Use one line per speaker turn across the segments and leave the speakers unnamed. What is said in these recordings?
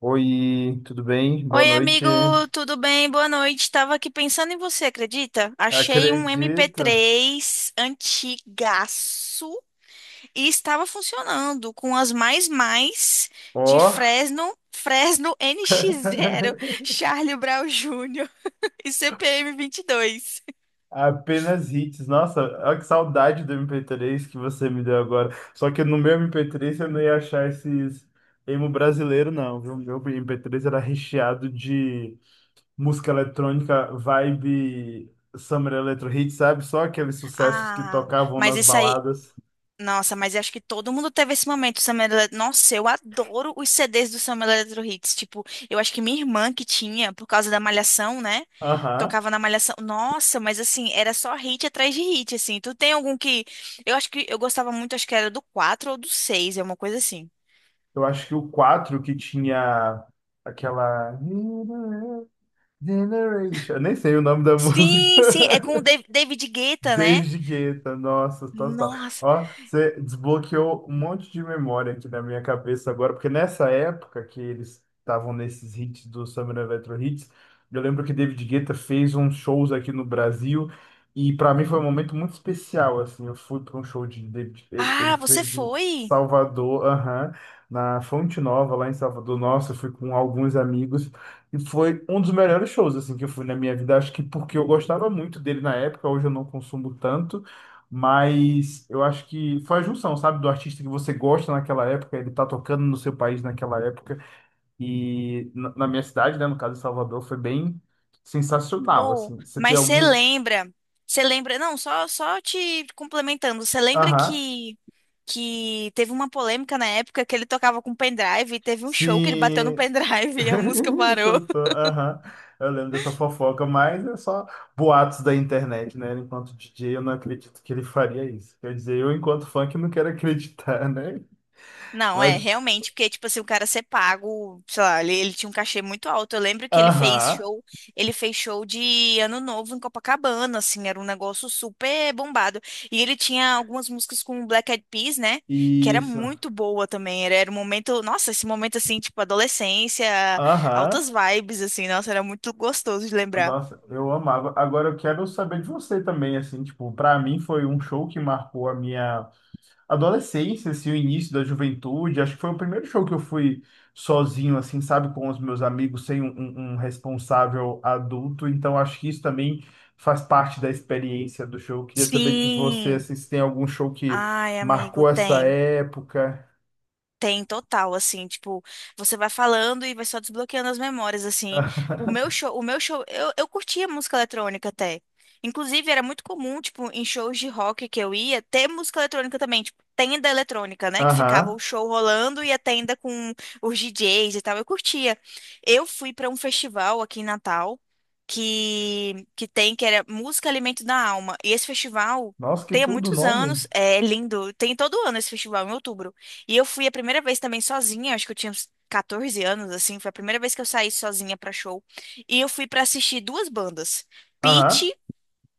Oi, tudo bem? Boa
Oi,
noite.
amigo, tudo bem? Boa noite. Tava aqui pensando em você, acredita? Achei um
Acredito.
MP3 antigaço e estava funcionando com as mais de
Ó,
Fresno, NX0, Charlie Brown Jr. e CPM 22.
apenas hits. Nossa, olha que saudade do MP3 que você me deu agora. Só que no meu MP3 eu não ia achar esses emo brasileiro, não, viu? Meu MP3 era recheado de música eletrônica, vibe Summer Electro Hits, sabe? Só aqueles sucessos que
Ah,
tocavam
mas
nas
isso aí.
baladas.
Nossa, mas eu acho que todo mundo teve esse momento, Summer Electro. Nossa, eu adoro os CDs do Summer Electro Hits. Tipo, eu acho que minha irmã que tinha, por causa da Malhação, né?
Aham.
Tocava na Malhação. Nossa, mas assim, era só hit atrás de hit, assim. Tu tem algum que. Eu acho que eu gostava muito, acho que era do 4 ou do seis é uma coisa assim.
Eu acho que o 4 que tinha aquela. Generation. Eu nem sei o nome da música.
Sim, sim, é com o David Guetta, né?
David Guetta, nossa, total.
Nossa.
Ó, você desbloqueou um monte de memória aqui na minha cabeça agora, porque nessa época que eles estavam nesses hits do Summer Electro Hits, eu lembro que David Guetta fez uns shows aqui no Brasil e para mim foi um momento muito especial, assim, eu fui para um show de David, ele
Ah, você
fez em
foi?
Salvador, aham, na Fonte Nova, lá em Salvador. Nossa, eu fui com alguns amigos. E foi um dos melhores shows assim que eu fui na minha vida. Acho que porque eu gostava muito dele na época, hoje eu não consumo tanto, mas eu acho que foi a junção, sabe, do artista que você gosta naquela época, ele tá tocando no seu país naquela época e na minha cidade, né, no caso de Salvador, foi bem sensacional
Ou,
assim. Você tem
mas você
algum.
lembra? Você lembra? Não, só te complementando. Você lembra
Aham.
que teve uma polêmica na época que ele tocava com pendrive e teve um show que ele bateu no
Sim,
pendrive e a música parou?
Soltou, aham. Eu lembro dessa fofoca, mas é só boatos da internet, né? Enquanto DJ, eu não acredito que ele faria isso. Quer dizer, eu, enquanto funk, não quero acreditar, né?
Não, é,
Mas,
realmente, porque, tipo assim, o cara ser pago, sei lá, ele tinha um cachê muito alto. Eu lembro que
aham,
ele fez show de Ano Novo em Copacabana, assim, era um negócio super bombado. E ele tinha algumas músicas com o Black Eyed Peas, né, que era
isso,
muito boa também. Era, era um momento, nossa, esse momento, assim, tipo, adolescência,
aham.
altas vibes, assim, nossa, era muito gostoso de lembrar.
Nossa, eu amava. Agora eu quero saber de você também, assim, tipo, pra mim foi um show que marcou a minha adolescência, assim, o início da juventude. Acho que foi o primeiro show que eu fui sozinho, assim, sabe, com os meus amigos, sem um responsável adulto. Então, acho que isso também faz parte da experiência do show. Queria saber de você,
Sim,
assim, se tem algum show que
ai, amigo,
marcou essa
tem.
época.
Tem total, assim, tipo, você vai falando e vai só desbloqueando as memórias, assim. O meu show, eu curtia música eletrônica até. Inclusive, era muito comum, tipo, em shows de rock que eu ia, ter música eletrônica também, tipo, tenda eletrônica, né? Que ficava o
Aham.
show rolando e a tenda com os DJs e tal. Eu curtia. Eu fui pra um festival aqui em Natal que tem, que era Música Alimento da Alma. E esse festival
Nossa, que
tem há
tudo o
muitos
nome.
anos, é lindo, tem todo ano esse festival, em outubro. E eu fui a primeira vez também sozinha, acho que eu tinha uns 14 anos, assim, foi a primeira vez que eu saí sozinha pra show. E eu fui pra assistir duas bandas.
Aham.
Pitty,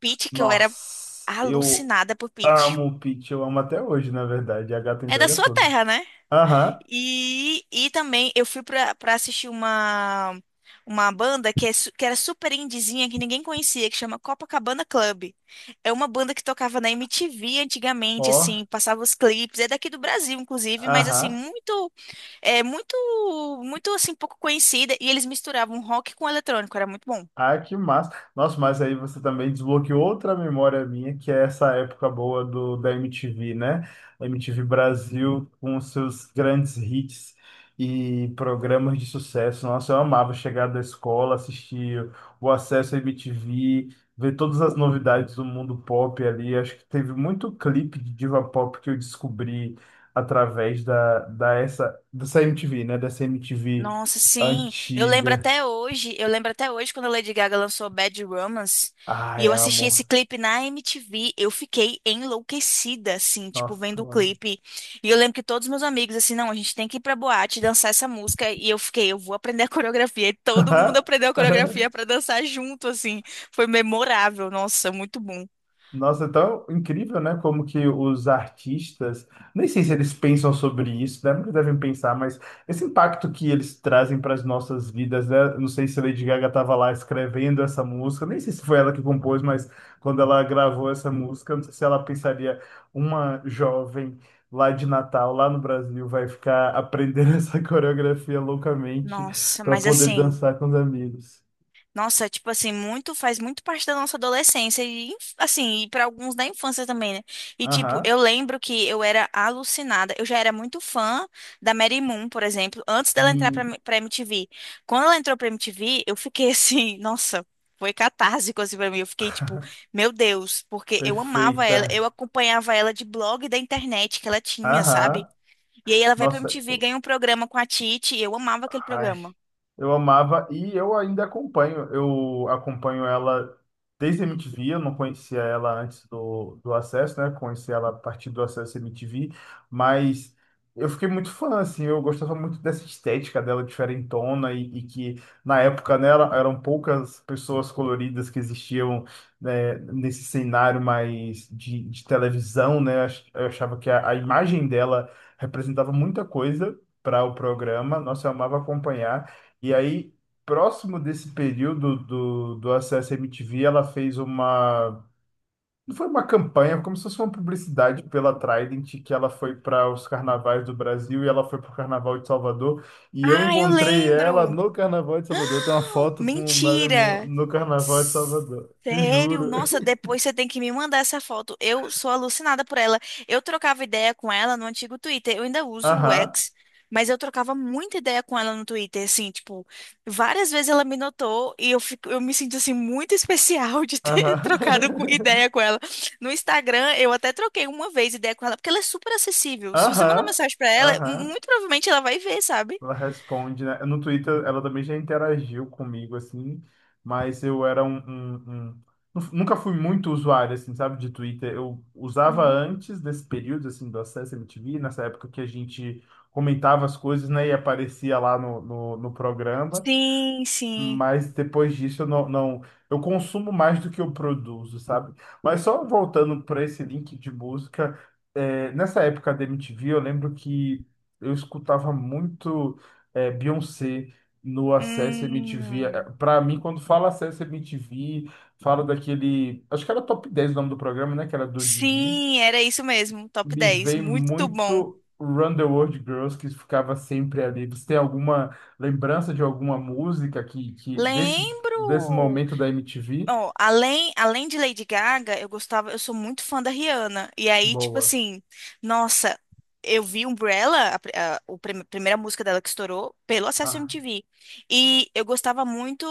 Pitty, que eu era
Nossa, eu
alucinada por Pitty.
amo o Pitch, eu amo até hoje, na verdade. A gata
É da
entrega
sua
tudo.
terra, né?
Aham.
E também eu fui pra assistir uma banda que, é, que era super indizinha, que ninguém conhecia, que chama Copacabana Club. É uma banda que tocava na MTV antigamente,
Ó.
assim, passava os clipes, é daqui do Brasil, inclusive, mas assim,
Aham.
É muito, muito assim, pouco conhecida. E eles misturavam rock com eletrônico, era muito bom.
Ah, que massa. Nossa, mas aí você também desbloqueou outra memória minha, que é essa época boa da MTV, né? A MTV Brasil com os seus grandes hits e programas de sucesso. Nossa, eu amava chegar da escola, assistir o acesso à MTV, ver todas as novidades do mundo pop ali. Acho que teve muito clipe de diva pop que eu descobri através dessa MTV, né? Dessa MTV
Nossa, sim. Eu lembro
antiga.
até hoje, eu lembro até hoje quando a Lady Gaga lançou Bad Romance e
Ai,
eu assisti
amo.
esse clipe na MTV, eu fiquei enlouquecida, assim, tipo,
Nossa,
vendo o
eu amo.
clipe. E eu lembro que todos os meus amigos, assim, não, a gente tem que ir pra boate dançar essa música. E eu fiquei, eu vou aprender a coreografia. E todo mundo aprendeu a coreografia pra dançar junto, assim. Foi memorável, nossa, muito bom.
Nossa, é tão incrível, né? Como que os artistas, nem sei se eles pensam sobre isso, né? Nunca devem pensar, mas esse impacto que eles trazem para as nossas vidas, né? Não sei se Lady Gaga estava lá escrevendo essa música, nem sei se foi ela que compôs, mas quando ela gravou essa música, não sei se ela pensaria, uma jovem lá de Natal, lá no Brasil, vai ficar aprendendo essa coreografia loucamente
Nossa,
para
mas
poder
assim.
dançar com os amigos.
Nossa, tipo assim, muito faz muito parte da nossa adolescência e assim, e para alguns da infância também, né? E tipo,
Aham.
eu lembro que eu era alucinada. Eu já era muito fã da Mary Moon, por exemplo, antes dela entrar pra,
Sim.
pra MTV. Quando ela entrou pra MTV, eu fiquei assim, nossa, foi catártico assim pra mim. Eu fiquei tipo, meu Deus, porque eu amava ela, eu
Perfeita.
acompanhava ela de blog da internet que ela tinha, sabe?
Aham.
E aí ela vai pra
Nossa,
MTV, ganha um programa com a Titi, e eu amava aquele
ai,
programa.
eu amava e eu ainda acompanho. Eu acompanho ela desde a MTV. Eu não conhecia ela antes do Acesso, né? Conheci ela a partir do Acesso MTV, mas eu fiquei muito fã, assim. Eu gostava muito dessa estética dela diferentona e que na época, né, eram poucas pessoas coloridas que existiam, né, nesse cenário mais de televisão, né? Eu achava que a imagem dela representava muita coisa para o programa, nossa, eu amava acompanhar. E aí, próximo desse período do Acesso MTV, ela fez uma. Não foi uma campanha, como se fosse uma publicidade pela Trident, que ela foi para os carnavais do Brasil e ela foi para o Carnaval de Salvador. E eu
Ah, eu
encontrei ela
lembro.
no Carnaval de Salvador. Tem uma
Ah,
foto com o Marilyn Monroe
mentira!
no Carnaval de Salvador. Te
Sério?
juro.
Nossa, depois você tem que me mandar essa foto. Eu sou alucinada por ela. Eu trocava ideia com ela no antigo Twitter. Eu ainda uso o
Aham,
X, mas eu trocava muita ideia com ela no Twitter, assim, tipo, várias vezes ela me notou e eu fico, eu me sinto assim muito especial de ter
aham.
ideia com ela. No Instagram, eu até troquei uma vez ideia com ela, porque ela é super acessível. Se você mandar
Aham,
mensagem pra ela,
aham.
muito provavelmente ela vai ver, sabe?
Ela responde, né? No Twitter ela também já interagiu comigo, assim, mas eu era um, um- um- nu- Nunca fui muito usuário, assim, sabe, de Twitter. Eu usava
Uhum.
antes desse período, assim, do acesso à MTV, nessa época que a gente comentava as coisas, né, e aparecia lá no programa.
Sim, sim.
Mas depois disso eu não, não- eu consumo mais do que eu produzo, sabe? Mas só voltando para esse link de música, nessa época da MTV, eu lembro que eu escutava muito Beyoncé no Acesso MTV.
Hum.
Para mim, quando fala Acesso MTV, fala daquele. Acho que era Top 10 o nome do programa, né? Que era do Didi.
Sim, era isso mesmo. Top
Me
dez
vem
Muito bom.
muito Run the World Girls, que ficava sempre ali. Você tem alguma lembrança de alguma música que desse, desse
Lembro!
momento da MTV?
Ó, além, além de Lady Gaga, eu gostava, eu sou muito fã da Rihanna. E aí, tipo
Boa.
assim, nossa, eu vi Umbrella, a, pri- a, o prim- primeira música dela que estourou, pelo Acesso
Ah,
MTV. E eu gostava muito,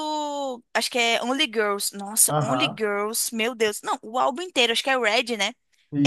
acho que é Only Girls. Nossa, Only
aham,
Girls, meu Deus. Não, o álbum inteiro, acho que é Red, né?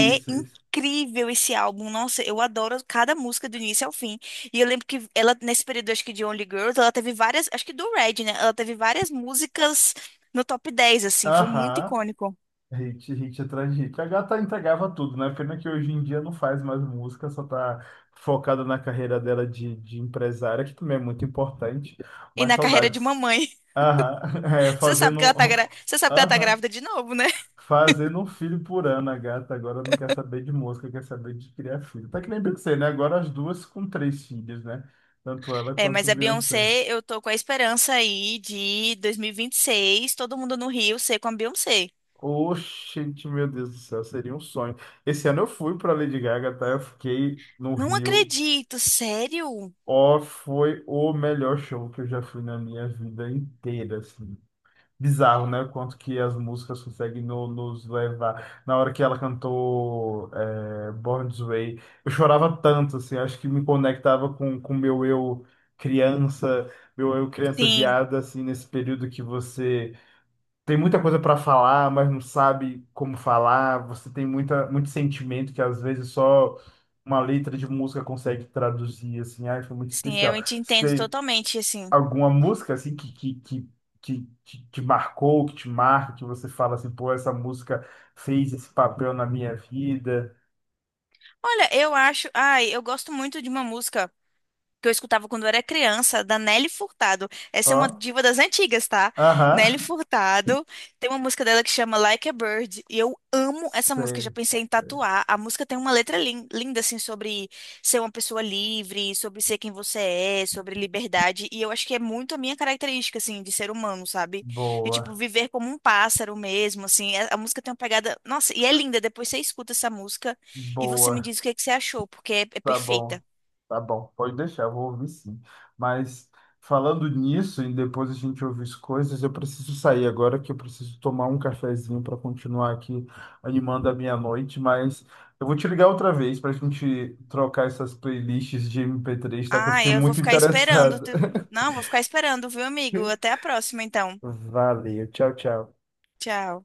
É
isso.
incrível esse álbum. Nossa, eu adoro cada música do início ao fim. E eu lembro que ela, nesse período, acho que de Only Girls, ela teve várias, acho que do Red, né? Ela teve várias músicas no top 10 assim, foi muito
Aham,
icônico.
hit, hit atrás de hit. A gata entregava tudo, né? Pena que hoje em dia não faz mais música, só tá focada na carreira dela de empresária, que também é muito importante.
E
Mas
na carreira de
saudades.
mamãe.
Aham,
Você sabe
fazendo.
que ela tá, você sabe que ela tá
Aham,
grávida de novo, né?
fazendo um filho por ano, a gata agora não quer saber de mosca, quer saber de criar filho. Tá que nem você, né? Agora as duas com três filhos, né? Tanto ela
É,
quanto
mas
o
a
Beyoncé.
Beyoncé, eu tô com a esperança aí de 2026, todo mundo no Rio ser com a Beyoncé.
Oxente, meu Deus do céu, seria um sonho. Esse ano eu fui pra Lady Gaga, tá? Eu fiquei no
Não
Rio.
acredito, sério?
Ó, foi o melhor show que eu já fui na minha vida inteira, assim. Bizarro, né? O quanto que as músicas conseguem nos levar. Na hora que ela cantou Born This Way, eu chorava tanto, assim, acho que me conectava com o meu eu criança
Sim,
viada, assim, nesse período que você tem muita coisa para falar, mas não sabe como falar, você tem muita, muito sentimento que às vezes só uma letra de música consegue traduzir, assim, ai, foi muito
sim,
especial
eu te entendo totalmente, assim.
alguma música assim que, te marcou, que te marca, que você fala assim, pô, essa música fez esse papel na minha vida.
Olha, eu acho, ai, eu gosto muito de uma música que eu escutava quando eu era criança, da Nelly Furtado. Essa é uma
Ó,
diva das antigas, tá? Nelly
aham.
Furtado. Tem uma música dela que chama Like a Bird. E eu amo essa música, já
Sei.
pensei em tatuar. A música tem uma letra linda, assim, sobre ser uma pessoa livre, sobre ser quem você é, sobre liberdade. E eu acho que é muito a minha característica, assim, de ser humano, sabe? E, tipo,
Boa,
viver como um pássaro mesmo, assim. A música tem uma pegada. Nossa, e é linda. Depois você escuta essa música e você me
boa.
diz o que, é que você achou, porque é
Tá bom,
perfeita.
tá bom, pode deixar, eu vou ouvir sim. Mas falando nisso, e depois a gente ouvir as coisas, eu preciso sair agora que eu preciso tomar um cafezinho para continuar aqui animando a minha noite, mas eu vou te ligar outra vez para a gente trocar essas playlists de MP3 tá? Que eu
Ah,
fiquei
eu vou
muito
ficar esperando.
interessado.
Não, vou ficar esperando, viu, amigo? Até a próxima, então.
Valeu, tchau, tchau.
Tchau.